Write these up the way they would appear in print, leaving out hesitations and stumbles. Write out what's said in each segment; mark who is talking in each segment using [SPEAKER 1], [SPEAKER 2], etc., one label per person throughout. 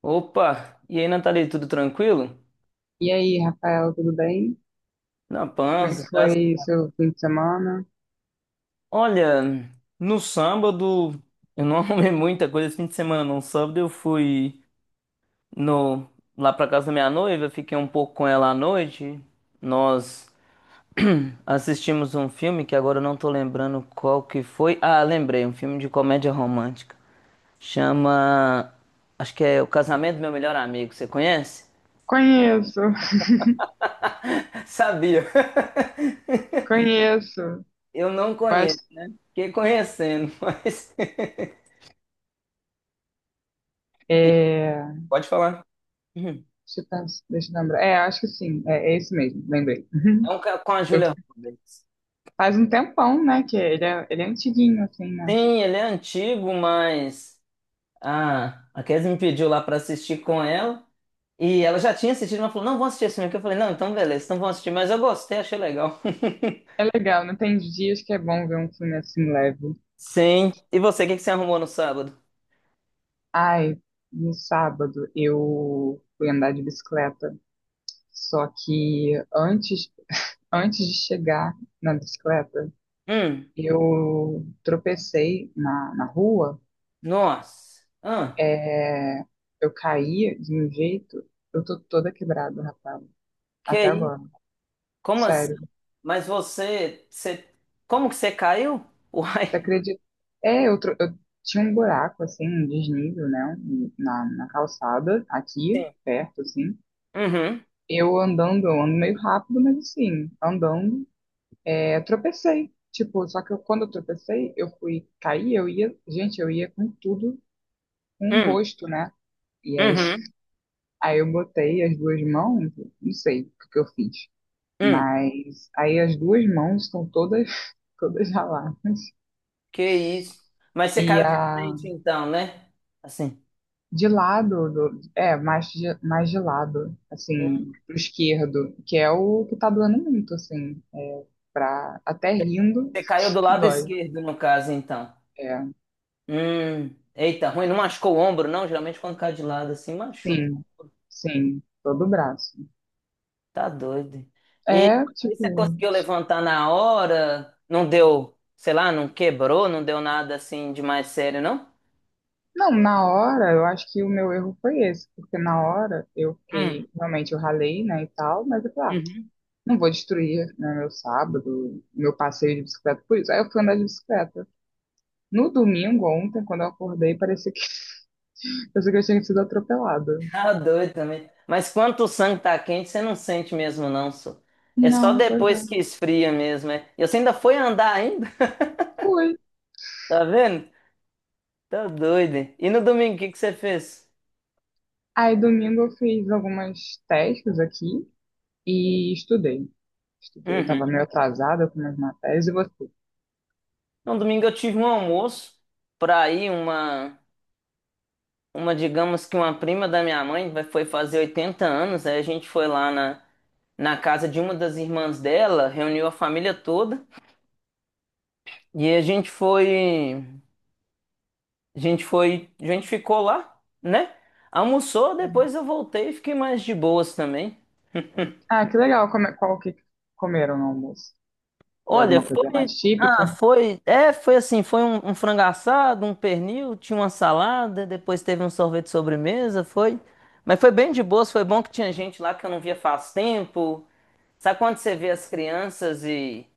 [SPEAKER 1] Opa! E aí, Nathalie, tudo tranquilo?
[SPEAKER 2] E aí, Rafael, tudo bem?
[SPEAKER 1] Na
[SPEAKER 2] Como é que
[SPEAKER 1] paz, graças.
[SPEAKER 2] foi seu fim de semana?
[SPEAKER 1] Olha, no sábado, eu não arrumei muita coisa esse fim de semana, no sábado eu fui no, lá pra casa da minha noiva, fiquei um pouco com ela à noite. Nós assistimos um filme que agora eu não tô lembrando qual que foi. Ah, lembrei, um filme de comédia romântica. Chama. Acho que é O Casamento do Meu Melhor Amigo. Você conhece?
[SPEAKER 2] Conheço,
[SPEAKER 1] Sabia!
[SPEAKER 2] conheço.
[SPEAKER 1] Eu não
[SPEAKER 2] Acho,
[SPEAKER 1] conheço, fiquei conhecendo, mas.
[SPEAKER 2] deixa
[SPEAKER 1] Pode falar. Uhum.
[SPEAKER 2] deixa eu lembrar. É, acho que sim, é esse mesmo, lembrei.
[SPEAKER 1] É um com a
[SPEAKER 2] Eu,
[SPEAKER 1] Julia Roberts.
[SPEAKER 2] faz um tempão, né, que ele é antiguinho, assim, né?
[SPEAKER 1] Sim, ele é antigo, mas a Kes me pediu lá pra assistir com ela. E ela já tinha assistido, mas falou: não, vou assistir esse filme aqui. Eu falei: não, então beleza, então vamos assistir. Mas eu gostei, achei legal.
[SPEAKER 2] É legal, não tem dias que é bom ver um filme assim leve.
[SPEAKER 1] Sim. E você, o que que você arrumou no sábado?
[SPEAKER 2] Ai, no sábado eu fui andar de bicicleta, só que antes de chegar na bicicleta,
[SPEAKER 1] Hum,
[SPEAKER 2] eu tropecei na rua,
[SPEAKER 1] nossa. Ah,
[SPEAKER 2] é, eu caí de um jeito, eu tô toda quebrada, rapaz,
[SPEAKER 1] que
[SPEAKER 2] até
[SPEAKER 1] isso?
[SPEAKER 2] agora,
[SPEAKER 1] Como assim?
[SPEAKER 2] sério.
[SPEAKER 1] Mas você. Como que você caiu?
[SPEAKER 2] Você
[SPEAKER 1] Uai.
[SPEAKER 2] acredita? Eu tinha um buraco, assim, um desnível, né, na calçada, aqui,
[SPEAKER 1] Sim.
[SPEAKER 2] perto, assim.
[SPEAKER 1] Uhum,
[SPEAKER 2] Eu andando, eu ando meio rápido, mas assim, andando, é, tropecei. Tipo, só que eu, quando eu tropecei, eu fui cair, eu ia, gente, eu ia com tudo, com o
[SPEAKER 1] hum,
[SPEAKER 2] rosto, né? E aí
[SPEAKER 1] uhum,
[SPEAKER 2] Aí eu botei as duas mãos, não sei o que que eu fiz,
[SPEAKER 1] hum.
[SPEAKER 2] mas aí as duas mãos estão todas, todas raladas.
[SPEAKER 1] Que isso. Mas você
[SPEAKER 2] E
[SPEAKER 1] caiu de
[SPEAKER 2] a
[SPEAKER 1] frente, então, né? Assim.
[SPEAKER 2] De lado, é, mais de lado,
[SPEAKER 1] Hum.
[SPEAKER 2] assim, pro esquerdo, que é o que tá doendo muito, assim, é, pra, até rindo,
[SPEAKER 1] Você caiu do lado
[SPEAKER 2] dói.
[SPEAKER 1] esquerdo, no caso, então.
[SPEAKER 2] É,
[SPEAKER 1] Hum. Eita, ruim. Não machucou o ombro, não? Geralmente quando cai de lado assim, machuca.
[SPEAKER 2] sim, sim, todo o braço.
[SPEAKER 1] Tá doido. E
[SPEAKER 2] É,
[SPEAKER 1] você
[SPEAKER 2] tipo,
[SPEAKER 1] conseguiu levantar na hora? Não deu, sei lá, não quebrou, não deu nada assim de mais sério, não?
[SPEAKER 2] não, na hora, eu acho que o meu erro foi esse, porque na hora eu
[SPEAKER 1] Hum.
[SPEAKER 2] fiquei, realmente eu ralei, né, e tal, mas eu falei, ah,
[SPEAKER 1] Uhum.
[SPEAKER 2] não vou destruir, né, meu sábado, meu passeio de bicicleta por isso. Aí eu fui andar de bicicleta. No domingo, ontem, quando eu acordei, parecia que, parecia que eu tinha sido atropelada.
[SPEAKER 1] Tá doido também. Mas quando o sangue tá quente, você não sente mesmo, não, só. É só
[SPEAKER 2] Não, pois
[SPEAKER 1] depois
[SPEAKER 2] é.
[SPEAKER 1] que esfria mesmo, é. E você ainda foi andar ainda?
[SPEAKER 2] Fui.
[SPEAKER 1] Tá vendo? Tá doido. Hein? E no domingo, o que que você fez?
[SPEAKER 2] Aí domingo eu fiz algumas testes aqui e estudei. Estudei,
[SPEAKER 1] Uhum.
[SPEAKER 2] tava meio atrasada com umas matérias e você.
[SPEAKER 1] No domingo eu tive um almoço pra ir uma, digamos que uma prima da minha mãe foi fazer 80 anos. Aí a gente foi lá na, na casa de uma das irmãs dela, reuniu a família toda e a gente foi, a gente ficou lá, né? Almoçou, depois eu voltei e fiquei mais de boas também.
[SPEAKER 2] Ah, que legal. Qual que comeram no almoço? Foi
[SPEAKER 1] Olha,
[SPEAKER 2] alguma coisa mais
[SPEAKER 1] foi. Ah,
[SPEAKER 2] típica?
[SPEAKER 1] foi. É, foi assim: foi um frango assado, um pernil, tinha uma salada, depois teve um sorvete de sobremesa, foi. Mas foi bem de boas, foi bom que tinha gente lá que eu não via faz tempo. Sabe quando você vê as crianças e.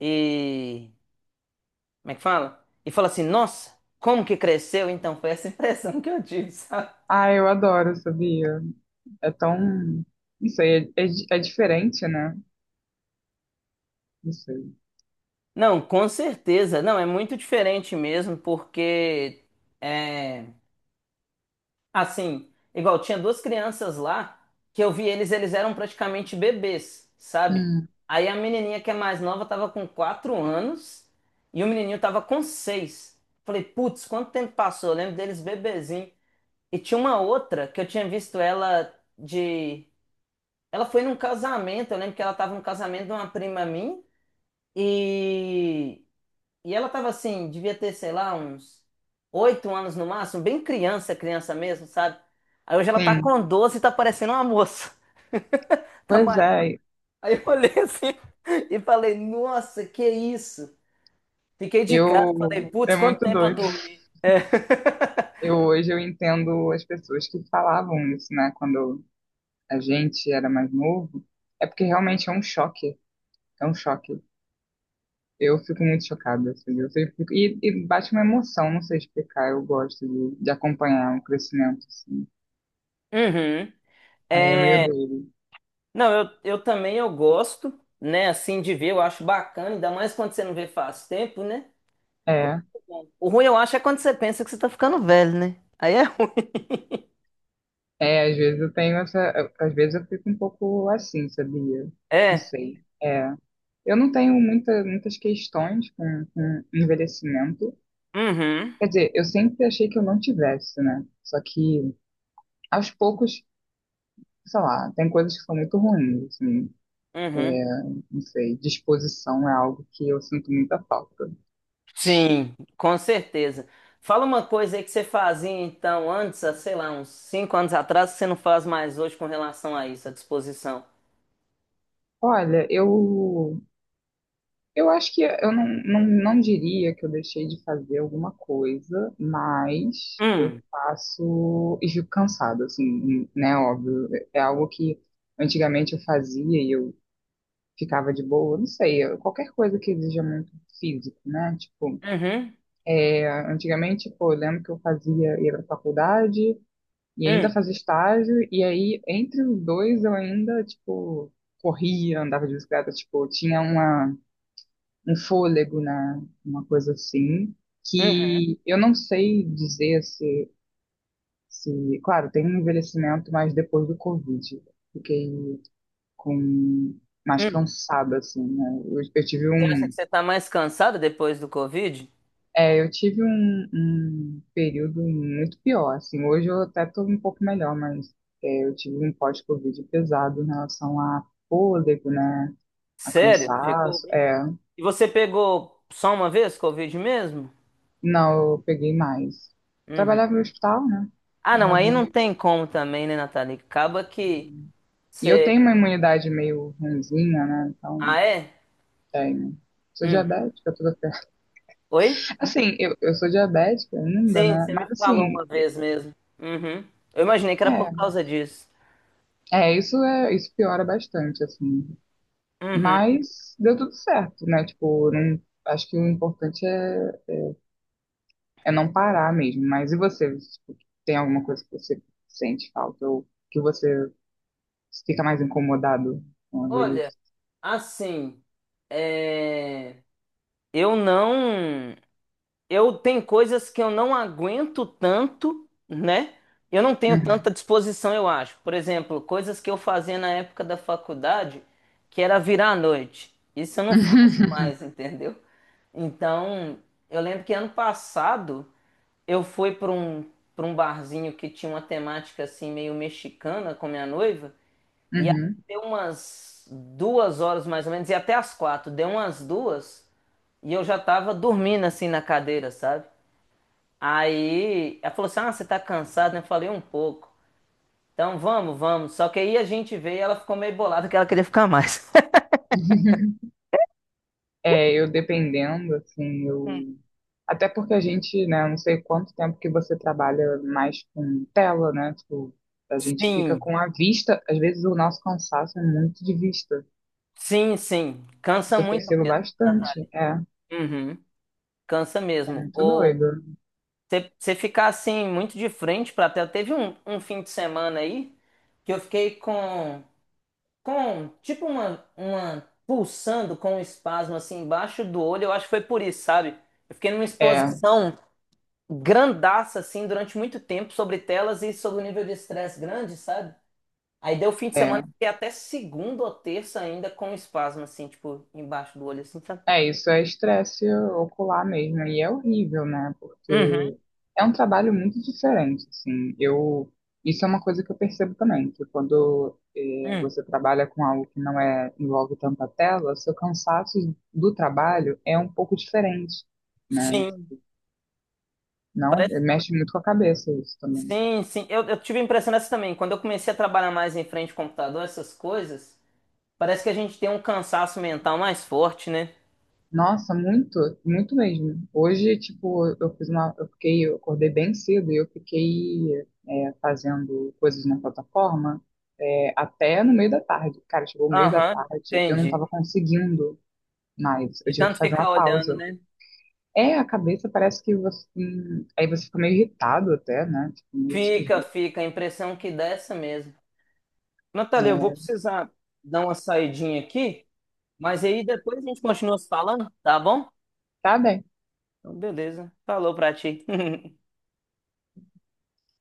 [SPEAKER 1] e como é que fala? E fala assim: nossa, como que cresceu? Então foi essa impressão que eu tive, sabe?
[SPEAKER 2] Ah, eu adoro, sabia? É tão. Não sei, é diferente, né? Não sei.
[SPEAKER 1] Não, com certeza. Não, é muito diferente mesmo, porque, é, assim, igual tinha duas crianças lá que eu vi eles, eles eram praticamente bebês, sabe?
[SPEAKER 2] Hum,
[SPEAKER 1] Aí a menininha que é mais nova tava com 4 anos e o menininho tava com seis. Falei, putz, quanto tempo passou? Eu lembro deles bebezinho. E tinha uma outra que eu tinha visto ela de. Ela foi num casamento, eu lembro que ela tava num casamento de uma prima minha e. E ela tava assim, devia ter, sei lá, uns 8 anos no máximo, bem criança, criança mesmo, sabe? Aí hoje ela tá
[SPEAKER 2] sim.
[SPEAKER 1] com 12 e tá parecendo uma moça. Tá
[SPEAKER 2] Pois
[SPEAKER 1] maior.
[SPEAKER 2] é,
[SPEAKER 1] Aí eu olhei assim e falei, nossa, que isso? Fiquei de casa, falei,
[SPEAKER 2] eu é
[SPEAKER 1] putz, quanto
[SPEAKER 2] muito
[SPEAKER 1] tempo eu
[SPEAKER 2] doido.
[SPEAKER 1] dormi?
[SPEAKER 2] Eu entendo as pessoas que falavam isso, né? Quando a gente era mais novo, é porque realmente é um choque. É um choque. Eu fico muito chocada, assim, e, bate uma emoção, não sei explicar. Eu gosto de acompanhar o crescimento, assim.
[SPEAKER 1] Uhum.
[SPEAKER 2] Aí é meio
[SPEAKER 1] É,
[SPEAKER 2] doido.
[SPEAKER 1] não, eu também eu gosto, né, assim, de ver, eu acho bacana, ainda mais quando você não vê faz tempo, né?
[SPEAKER 2] É.
[SPEAKER 1] O ruim eu acho é quando você pensa que você tá ficando velho, né? Aí é ruim.
[SPEAKER 2] É, às vezes eu tenho essa. Às vezes eu fico um pouco assim, sabia? Não
[SPEAKER 1] É.
[SPEAKER 2] sei. É. Eu não tenho muitas questões com envelhecimento.
[SPEAKER 1] Uhum.
[SPEAKER 2] Quer dizer, eu sempre achei que eu não tivesse, né? Só que aos poucos, sei lá, tem coisas que são muito ruins, assim,
[SPEAKER 1] Uhum.
[SPEAKER 2] não sei. Disposição é algo que eu sinto muita falta.
[SPEAKER 1] Sim, com certeza. Fala uma coisa aí que você fazia então antes, há, sei lá, uns 5 anos atrás, que você não faz mais hoje com relação a isso, à disposição.
[SPEAKER 2] Olha, eu acho que eu não diria que eu deixei de fazer alguma coisa, mas eu
[SPEAKER 1] Hum,
[SPEAKER 2] faço e fico cansada, assim, né? Óbvio. É algo que antigamente eu fazia e eu ficava de boa, não sei, qualquer coisa que exija muito físico, né? Tipo,
[SPEAKER 1] uhum,
[SPEAKER 2] é, antigamente, pô, eu lembro que eu fazia, ia pra faculdade e ainda
[SPEAKER 1] hum,
[SPEAKER 2] fazia estágio, e aí entre os dois eu ainda, tipo, corria, andava de bicicleta, tipo, tinha uma um fôlego, né? Uma coisa assim,
[SPEAKER 1] hum,
[SPEAKER 2] que eu não sei dizer se, claro, tem um envelhecimento, mas depois do Covid, fiquei com mais
[SPEAKER 1] hum.
[SPEAKER 2] cansada, assim, né? Eu tive
[SPEAKER 1] Você acha que você tá mais cansada depois do Covid?
[SPEAKER 2] eu tive um, um período muito pior, assim. Hoje eu até tô um pouco melhor, mas é, eu tive um pós-Covid pesado em relação a fôlego, né? A
[SPEAKER 1] Sério? Ficou
[SPEAKER 2] cansaço,
[SPEAKER 1] ruim?
[SPEAKER 2] é,
[SPEAKER 1] E você pegou só uma vez Covid mesmo?
[SPEAKER 2] não, eu peguei mais.
[SPEAKER 1] Uhum.
[SPEAKER 2] Trabalhava no hospital, né?
[SPEAKER 1] Ah, não,
[SPEAKER 2] Era
[SPEAKER 1] aí não
[SPEAKER 2] meio...
[SPEAKER 1] tem como também, né, Nathalie? Acaba que
[SPEAKER 2] E eu
[SPEAKER 1] você.
[SPEAKER 2] tenho uma imunidade meio ruinzinha, né? Então,
[SPEAKER 1] Ah, é?
[SPEAKER 2] tenho. Sou
[SPEAKER 1] Hum.
[SPEAKER 2] diabética, toda ferrada.
[SPEAKER 1] Oi?
[SPEAKER 2] Assim, eu sou diabética ainda,
[SPEAKER 1] Sim,
[SPEAKER 2] né?
[SPEAKER 1] você me
[SPEAKER 2] Mas,
[SPEAKER 1] falou
[SPEAKER 2] assim,
[SPEAKER 1] uma vez mesmo. Uhum. Eu imaginei que era por
[SPEAKER 2] é,
[SPEAKER 1] causa disso.
[SPEAKER 2] isso é, isso piora bastante, assim.
[SPEAKER 1] Uhum.
[SPEAKER 2] Mas deu tudo certo, né? Tipo, não, acho que o importante é não parar mesmo. Mas e você? Tipo, tem alguma coisa que você sente falta ou que você fica mais incomodado com a
[SPEAKER 1] Olha,
[SPEAKER 2] velhice?
[SPEAKER 1] assim, é, eu não. Eu tenho coisas que eu não aguento tanto, né? Eu não tenho
[SPEAKER 2] Uhum.
[SPEAKER 1] tanta disposição, eu acho. Por exemplo, coisas que eu fazia na época da faculdade, que era virar à noite. Isso eu não faço mais, entendeu? Então, eu lembro que ano passado, eu fui para um barzinho que tinha uma temática assim meio mexicana com minha noiva, e aí
[SPEAKER 2] Uhum.
[SPEAKER 1] deu umas 2 horas mais ou menos, e até as quatro, deu umas duas, e eu já tava dormindo assim na cadeira, sabe? Aí ela falou assim: Ah, você tá cansado, né? Eu falei um pouco. Então vamos, vamos. Só que aí a gente veio e ela ficou meio bolada que ela queria ficar mais.
[SPEAKER 2] É, eu dependendo, assim, eu. Até porque a gente, né, não sei quanto tempo que você trabalha mais com tela, né? Tipo, a gente fica
[SPEAKER 1] Sim,
[SPEAKER 2] com a vista, às vezes o nosso cansaço é muito de vista.
[SPEAKER 1] sim, sim. Cansa
[SPEAKER 2] Isso eu
[SPEAKER 1] muito
[SPEAKER 2] percebo
[SPEAKER 1] mesmo,
[SPEAKER 2] bastante.
[SPEAKER 1] Natália.
[SPEAKER 2] É,
[SPEAKER 1] Uhum. Cansa
[SPEAKER 2] é
[SPEAKER 1] mesmo.
[SPEAKER 2] muito doido.
[SPEAKER 1] Você ficar assim muito de frente pra tela. Teve um fim de semana aí que eu fiquei com tipo uma pulsando com um espasmo assim embaixo do olho. Eu acho que foi por isso, sabe? Eu fiquei numa
[SPEAKER 2] É,
[SPEAKER 1] exposição grandaça assim durante muito tempo sobre telas e sobre o nível de estresse grande, sabe? Aí deu fim de semana
[SPEAKER 2] é.
[SPEAKER 1] e até segunda ou terça ainda com um espasmo assim, tipo, embaixo do olho assim, sabe?
[SPEAKER 2] É, isso é estresse ocular mesmo, e é horrível, né? Porque
[SPEAKER 1] Uhum,
[SPEAKER 2] é um trabalho muito diferente, assim. Eu, isso é uma coisa que eu percebo também, que quando
[SPEAKER 1] uhum.
[SPEAKER 2] você trabalha com algo que não é, envolve tanta tela, seu cansaço do trabalho é um pouco diferente, né?
[SPEAKER 1] Sim.
[SPEAKER 2] Não, mexe muito com a cabeça isso também.
[SPEAKER 1] Sim, sim. Eu tive a impressão dessa também. Quando eu comecei a trabalhar mais em frente ao computador, essas coisas, parece que a gente tem um cansaço mental mais forte, né?
[SPEAKER 2] Nossa, muito, muito mesmo. Hoje, tipo, eu fiquei, eu acordei bem cedo e eu fiquei é, fazendo coisas na plataforma é, até no meio da tarde. Cara, chegou o meio da
[SPEAKER 1] Aham,
[SPEAKER 2] tarde, eu não
[SPEAKER 1] entendi.
[SPEAKER 2] tava conseguindo mais. Eu
[SPEAKER 1] De
[SPEAKER 2] tive que
[SPEAKER 1] tanto
[SPEAKER 2] fazer uma
[SPEAKER 1] ficar olhando,
[SPEAKER 2] pausa.
[SPEAKER 1] né?
[SPEAKER 2] É, a cabeça parece que você, aí você fica meio irritado até, né? Tipo, meio
[SPEAKER 1] Fica,
[SPEAKER 2] esquisito.
[SPEAKER 1] fica. A impressão que dá é essa mesmo. Natália, eu vou precisar dar uma saidinha aqui, mas aí depois a gente continua se falando, tá bom?
[SPEAKER 2] Tá
[SPEAKER 1] Então, beleza. Falou pra ti.